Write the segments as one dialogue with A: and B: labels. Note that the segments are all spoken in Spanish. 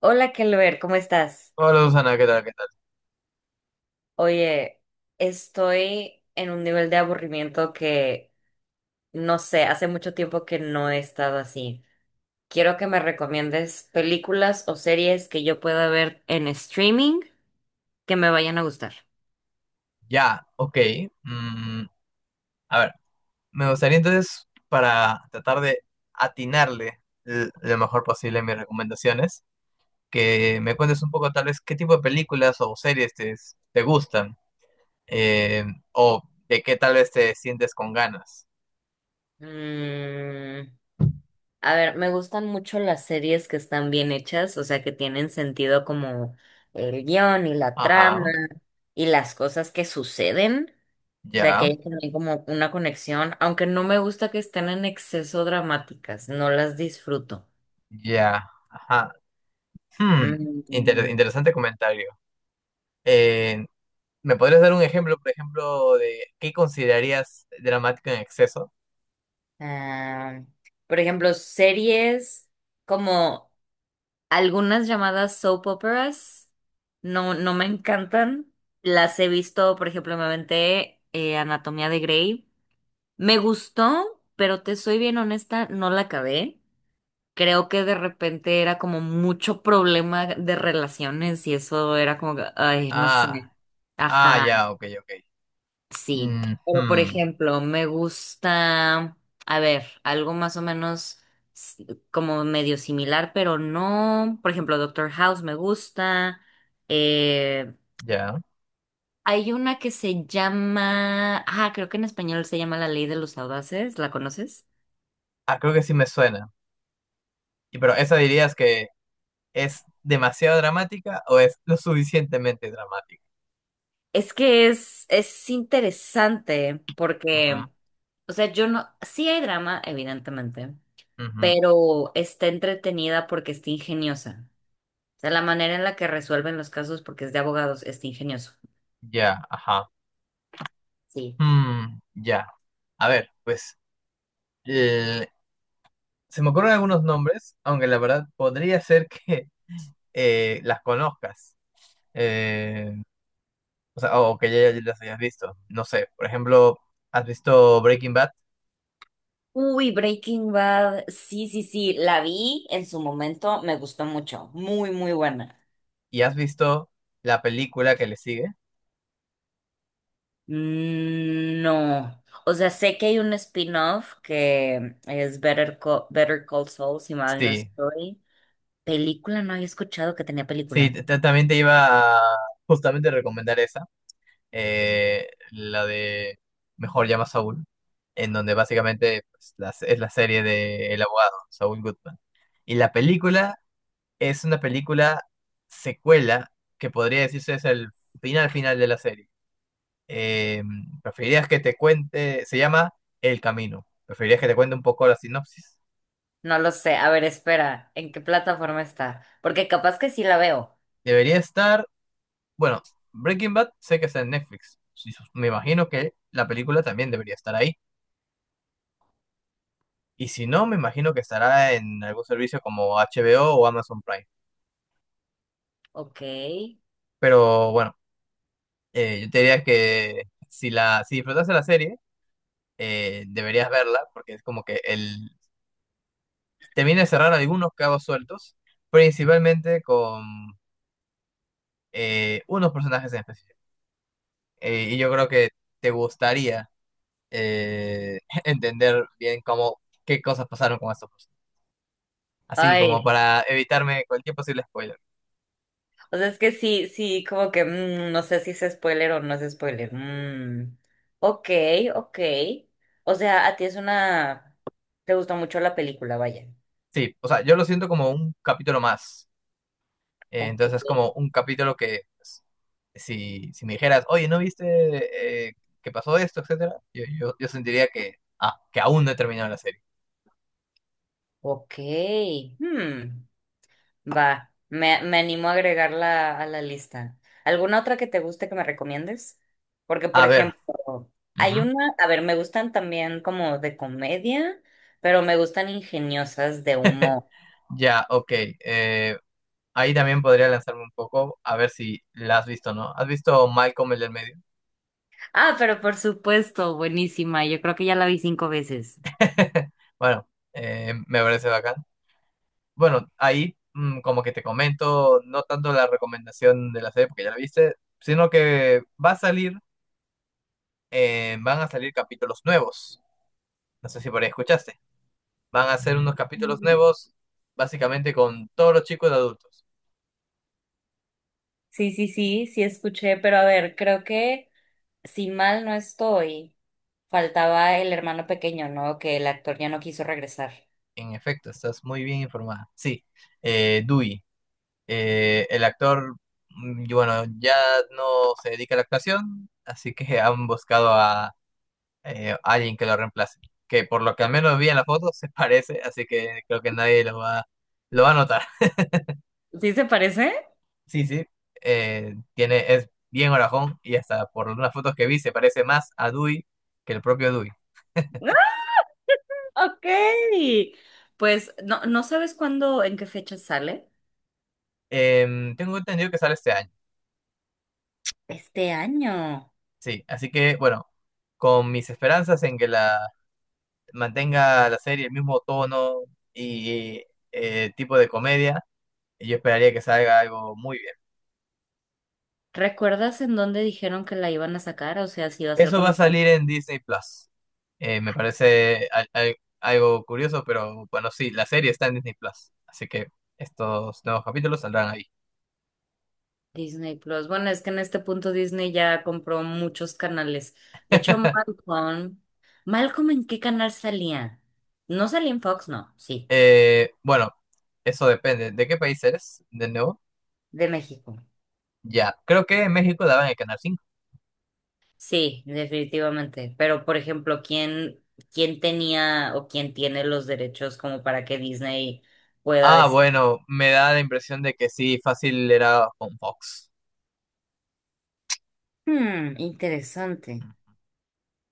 A: Hola, Kelber, ¿cómo estás?
B: Hola Susana, ¿qué tal? ¿Qué tal?
A: Oye, estoy en un nivel de aburrimiento que no sé, hace mucho tiempo que no he estado así. Quiero que me recomiendes películas o series que yo pueda ver en streaming que me vayan a gustar.
B: Ya, ok. mm, a ver, me gustaría entonces, para tratar de atinarle lo mejor posible a mis recomendaciones, que me cuentes un poco tal vez qué tipo de películas o series te gustan, eh, o de qué tal vez te sientes con ganas.
A: Mm, a ver, me gustan mucho las series que están bien hechas, o sea, que tienen sentido como el guión y la trama
B: Ajá,
A: y las cosas que suceden. O sea, que
B: ya,
A: hay también como una conexión, aunque no me gusta que estén en exceso dramáticas, no las disfruto.
B: ya, ajá. Hmm,
A: Mm,
B: interesante comentario. Eh, ¿Me podrías dar un ejemplo, por ejemplo, de qué considerarías dramático en exceso?
A: ah, por ejemplo, series como algunas llamadas soap operas, no, no me encantan. Las he visto, por ejemplo, me aventé Anatomía de Grey. Me gustó, pero te soy bien honesta, no la acabé. Creo que de repente era como mucho problema de relaciones y eso era como que, ay, no sé.
B: Ah. Ah,
A: Ajá,
B: ya, ok, ok.
A: sí. Pero por
B: Ujú,
A: ejemplo, me gusta, a ver, algo más o menos s- como medio similar, pero no. Por ejemplo, Doctor House me gusta. Eh,
B: ya.
A: Hay una que se llama, ah, creo que en español se llama La Ley de los Audaces, ¿la conoces?
B: Ah, creo que sí me suena. Y pero esa dirías que es demasiado dramática o es lo suficientemente dramática.
A: Es que es interesante porque, o sea, yo no, sí hay drama, evidentemente,
B: Ujú, ujú,
A: pero está entretenida porque está ingeniosa. O sea, la manera en la que resuelven los casos porque es de abogados está ingenioso.
B: ya, ajá.
A: Sí.
B: Mm, ya. A ver, pues eh, se me ocurren algunos nombres, aunque la verdad podría ser que las conozcas. Eh, o sea, o que ya las hayas visto. No sé, por ejemplo, ¿has visto Breaking Bad
A: Uy, Breaking Bad. Sí, sí, sí, la vi en su momento, me gustó mucho. Muy, muy buena.
B: y has visto la película que le sigue?
A: Mm, no. O sea, sé que hay un spin-off que es Better Call Saul, si mal no
B: Sí,
A: estoy. Película, no había escuchado que tenía película.
B: También te iba a justamente recomendar esa, la de Mejor llama a Saúl, en donde básicamente pues, la es la serie de El abogado, Saúl Goodman. Y la película es una película secuela que podría decirse es el final final de la serie. Eh, ¿Preferirías que te cuente? Se llama El Camino. ¿Preferirías que te cuente un poco la sinopsis?
A: No lo sé. A ver, espera. ¿En qué plataforma está? Porque capaz que sí la veo.
B: Debería estar. Bueno, Breaking Bad sé que está en Netflix. Sí, me imagino que la película también debería estar ahí. Y si no, me imagino que estará en algún servicio como HBO o Amazon Prime.
A: Ok.
B: Pero bueno, yo te diría que si si disfrutaste la serie, deberías verla, porque es como que te viene a cerrar algunos cabos sueltos, principalmente con unos personajes en específico. Y yo creo que te gustaría eh, entender bien qué cosas pasaron con estos personajes. Así como
A: Ay,
B: para evitarme cualquier posible spoiler.
A: o sea, es que sí, sí, como que no sé si es spoiler o no es spoiler. Mm. Ok, ok. O sea, a ti es una... Te gustó mucho la película, vaya.
B: Sí, o sea, yo lo siento como un capítulo más.
A: Ok,
B: Entonces es como un capítulo que pues, si me dijeras, oye, ¿no viste que pasó esto, etcétera? Yo sentiría que que aún no he terminado la serie.
A: ok. Hmm. Va, me animo a agregarla a la lista. ¿Alguna otra que te guste que me recomiendes? Porque, por
B: A ver,
A: ejemplo, hay
B: ujú,
A: una, a ver, me gustan también como de comedia, pero me gustan ingeniosas de humor.
B: ya, ok. eh, Ahí también podría lanzarme un poco a ver si la has visto, ¿no? ¿Has visto Malcolm el del medio?
A: Ah, pero por supuesto, buenísima. Yo creo que ya la vi 5 veces.
B: Bueno, me parece bacán. Bueno, ahí mm, como que te comento, no tanto la recomendación de la serie porque ya la viste, sino que va a salir, van a salir capítulos nuevos. No sé si por ahí escuchaste. Van a ser unos capítulos nuevos, básicamente con todos los chicos de adultos.
A: Sí, sí, sí, sí escuché, pero a ver, creo que si mal no estoy, faltaba el hermano pequeño, ¿no? Que el actor ya no quiso regresar.
B: En efecto, estás muy bien informada. Sí, Dewey, el actor, y bueno, ya no se dedica a la actuación, así que han buscado a alguien que lo reemplace. Que por lo que al menos vi en la foto se parece, así que creo que nadie lo va a notar.
A: ¿Sí se parece?
B: Sí, sí, es bien orajón y hasta por unas fotos que vi se parece más a Dewey que el propio Dewey.
A: Ok. Pues no, no sabes cuándo, en qué fecha sale.
B: Tengo entendido que sale este año,
A: Este año.
B: sí, así que bueno, con mis esperanzas en que la mantenga la serie el mismo tono y tipo de comedia, yo esperaría que salga algo muy bien.
A: ¿Recuerdas en dónde dijeron que la iban a sacar? O sea, si iba a ser
B: Eso va
A: como
B: a
A: en plan
B: salir en Disney Plus. Me parece algo curioso, pero bueno, sí, la serie está en Disney Plus. Así que estos nuevos capítulos saldrán ahí.
A: Disney Plus. Bueno, es que en este punto Disney ya compró muchos canales. De hecho, Malcolm. ¿Malcolm en qué canal salía? No salía en Fox, no, sí.
B: Bueno, eso depende. ¿De qué país eres? De nuevo.
A: De México.
B: Ya, creo que en México daban el Canal 5.
A: Sí, definitivamente. Pero, por ejemplo, ¿quién tenía o quién tiene los derechos como para que Disney pueda
B: Ah,
A: decir?
B: bueno, me da la impresión de que sí, fácil era con Fox.
A: Hmm, interesante.
B: Mm.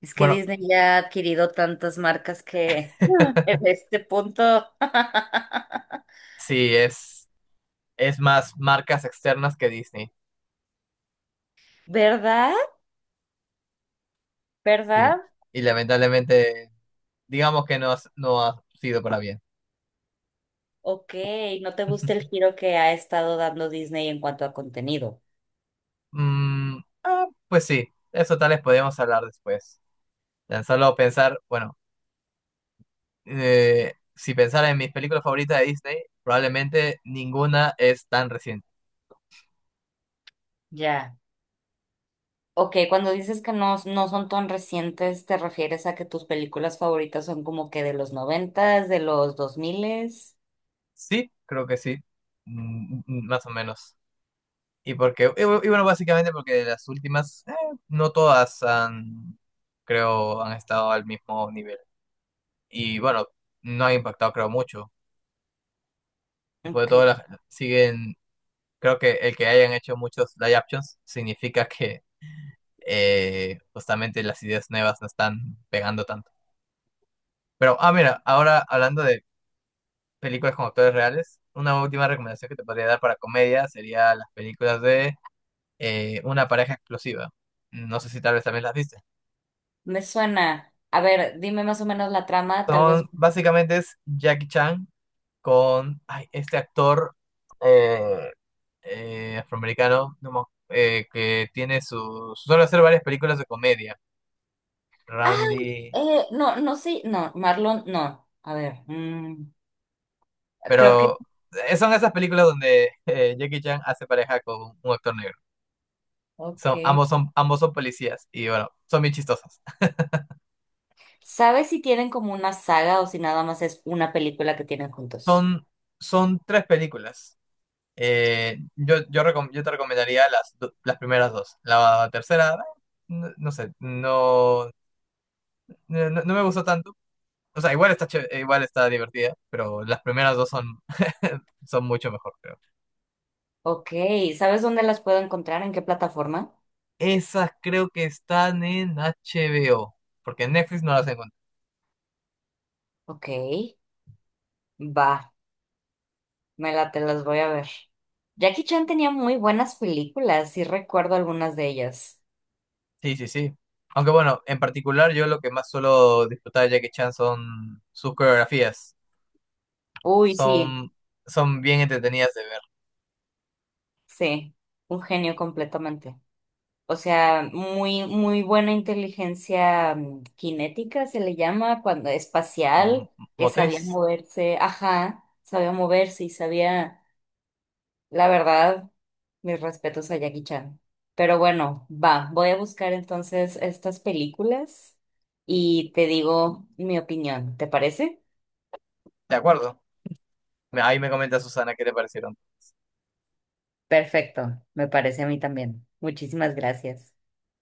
A: Es que
B: Bueno,
A: Disney ya ha adquirido tantas marcas que en este punto,
B: sí, es más marcas externas que Disney.
A: ¿verdad?
B: Sí,
A: ¿Verdad?
B: y lamentablemente digamos que no ha sido para bien.
A: Ok, no te gusta el giro que ha estado dando Disney en cuanto a contenido.
B: Mm, ah, pues sí, eso tal vez podemos hablar después. Tan solo pensar, bueno, si pensara en mis películas favoritas de Disney, probablemente ninguna es tan reciente.
A: Ya. Ok, cuando dices que no, no son tan recientes, ¿te refieres a que tus películas favoritas son como que de los noventas, de los 2 miles?
B: Sí, creo que sí, mm, mm, más o menos. Y bueno, básicamente porque de las últimas, no todas creo, han estado al mismo nivel. Y bueno, no ha impactado, creo, mucho. Después de
A: Ok,
B: todo, siguen. Creo que el que hayan hecho muchos live actions significa que justamente las ideas nuevas no están pegando tanto. Pero, ah, mira, ahora hablando de películas con actores reales, una última recomendación que te podría dar para comedia sería las películas de Una pareja explosiva. No sé si tal vez también las viste.
A: me suena. A ver, dime más o menos la trama, tal vez
B: Son, básicamente es Jackie Chan con ay, este actor eh, afroamericano no me que tiene su... suele hacer varias películas de comedia.
A: ah,
B: Randy.
A: no, sé, no, Marlon, no. A ver, creo que,
B: Pero son esas películas donde Jackie Chan hace pareja con un actor negro.
A: ok.
B: Son, ambos son policías y bueno, son bien chistosas.
A: ¿Sabes si tienen como una saga o si nada más es una película que tienen juntos?
B: Son, son tres películas. Yo te recomendaría las primeras dos. La tercera, no, no sé, no no me gustó tanto. O sea, igual está divertida, pero las primeras dos son, son mucho mejor, creo.
A: Ok, ¿sabes dónde las puedo encontrar? ¿En qué plataforma?
B: Esas creo que están en HBO, porque en Netflix no las encontré.
A: Ok, va, me la las voy a ver. Jackie Chan tenía muy buenas películas, sí recuerdo algunas de ellas.
B: Sí, sí, sí. Aunque bueno, en particular yo lo que más suelo disfrutar de Jackie Chan son sus coreografías.
A: Uy, sí,
B: Son, son bien entretenidas de ver.
A: sí, un genio completamente. O sea, muy, muy buena inteligencia cinética se le llama cuando
B: Mm,
A: espacial, que sabía
B: motriz,
A: moverse, ajá, sabía moverse y sabía, la verdad, mis respetos a Jackie Chan. Pero bueno, va, voy a buscar entonces estas películas y te digo mi opinión, ¿te parece?
B: de acuerdo. Ahí me comenta Susana qué te parecieron.
A: Perfecto, me parece a mí también. Muchísimas gracias.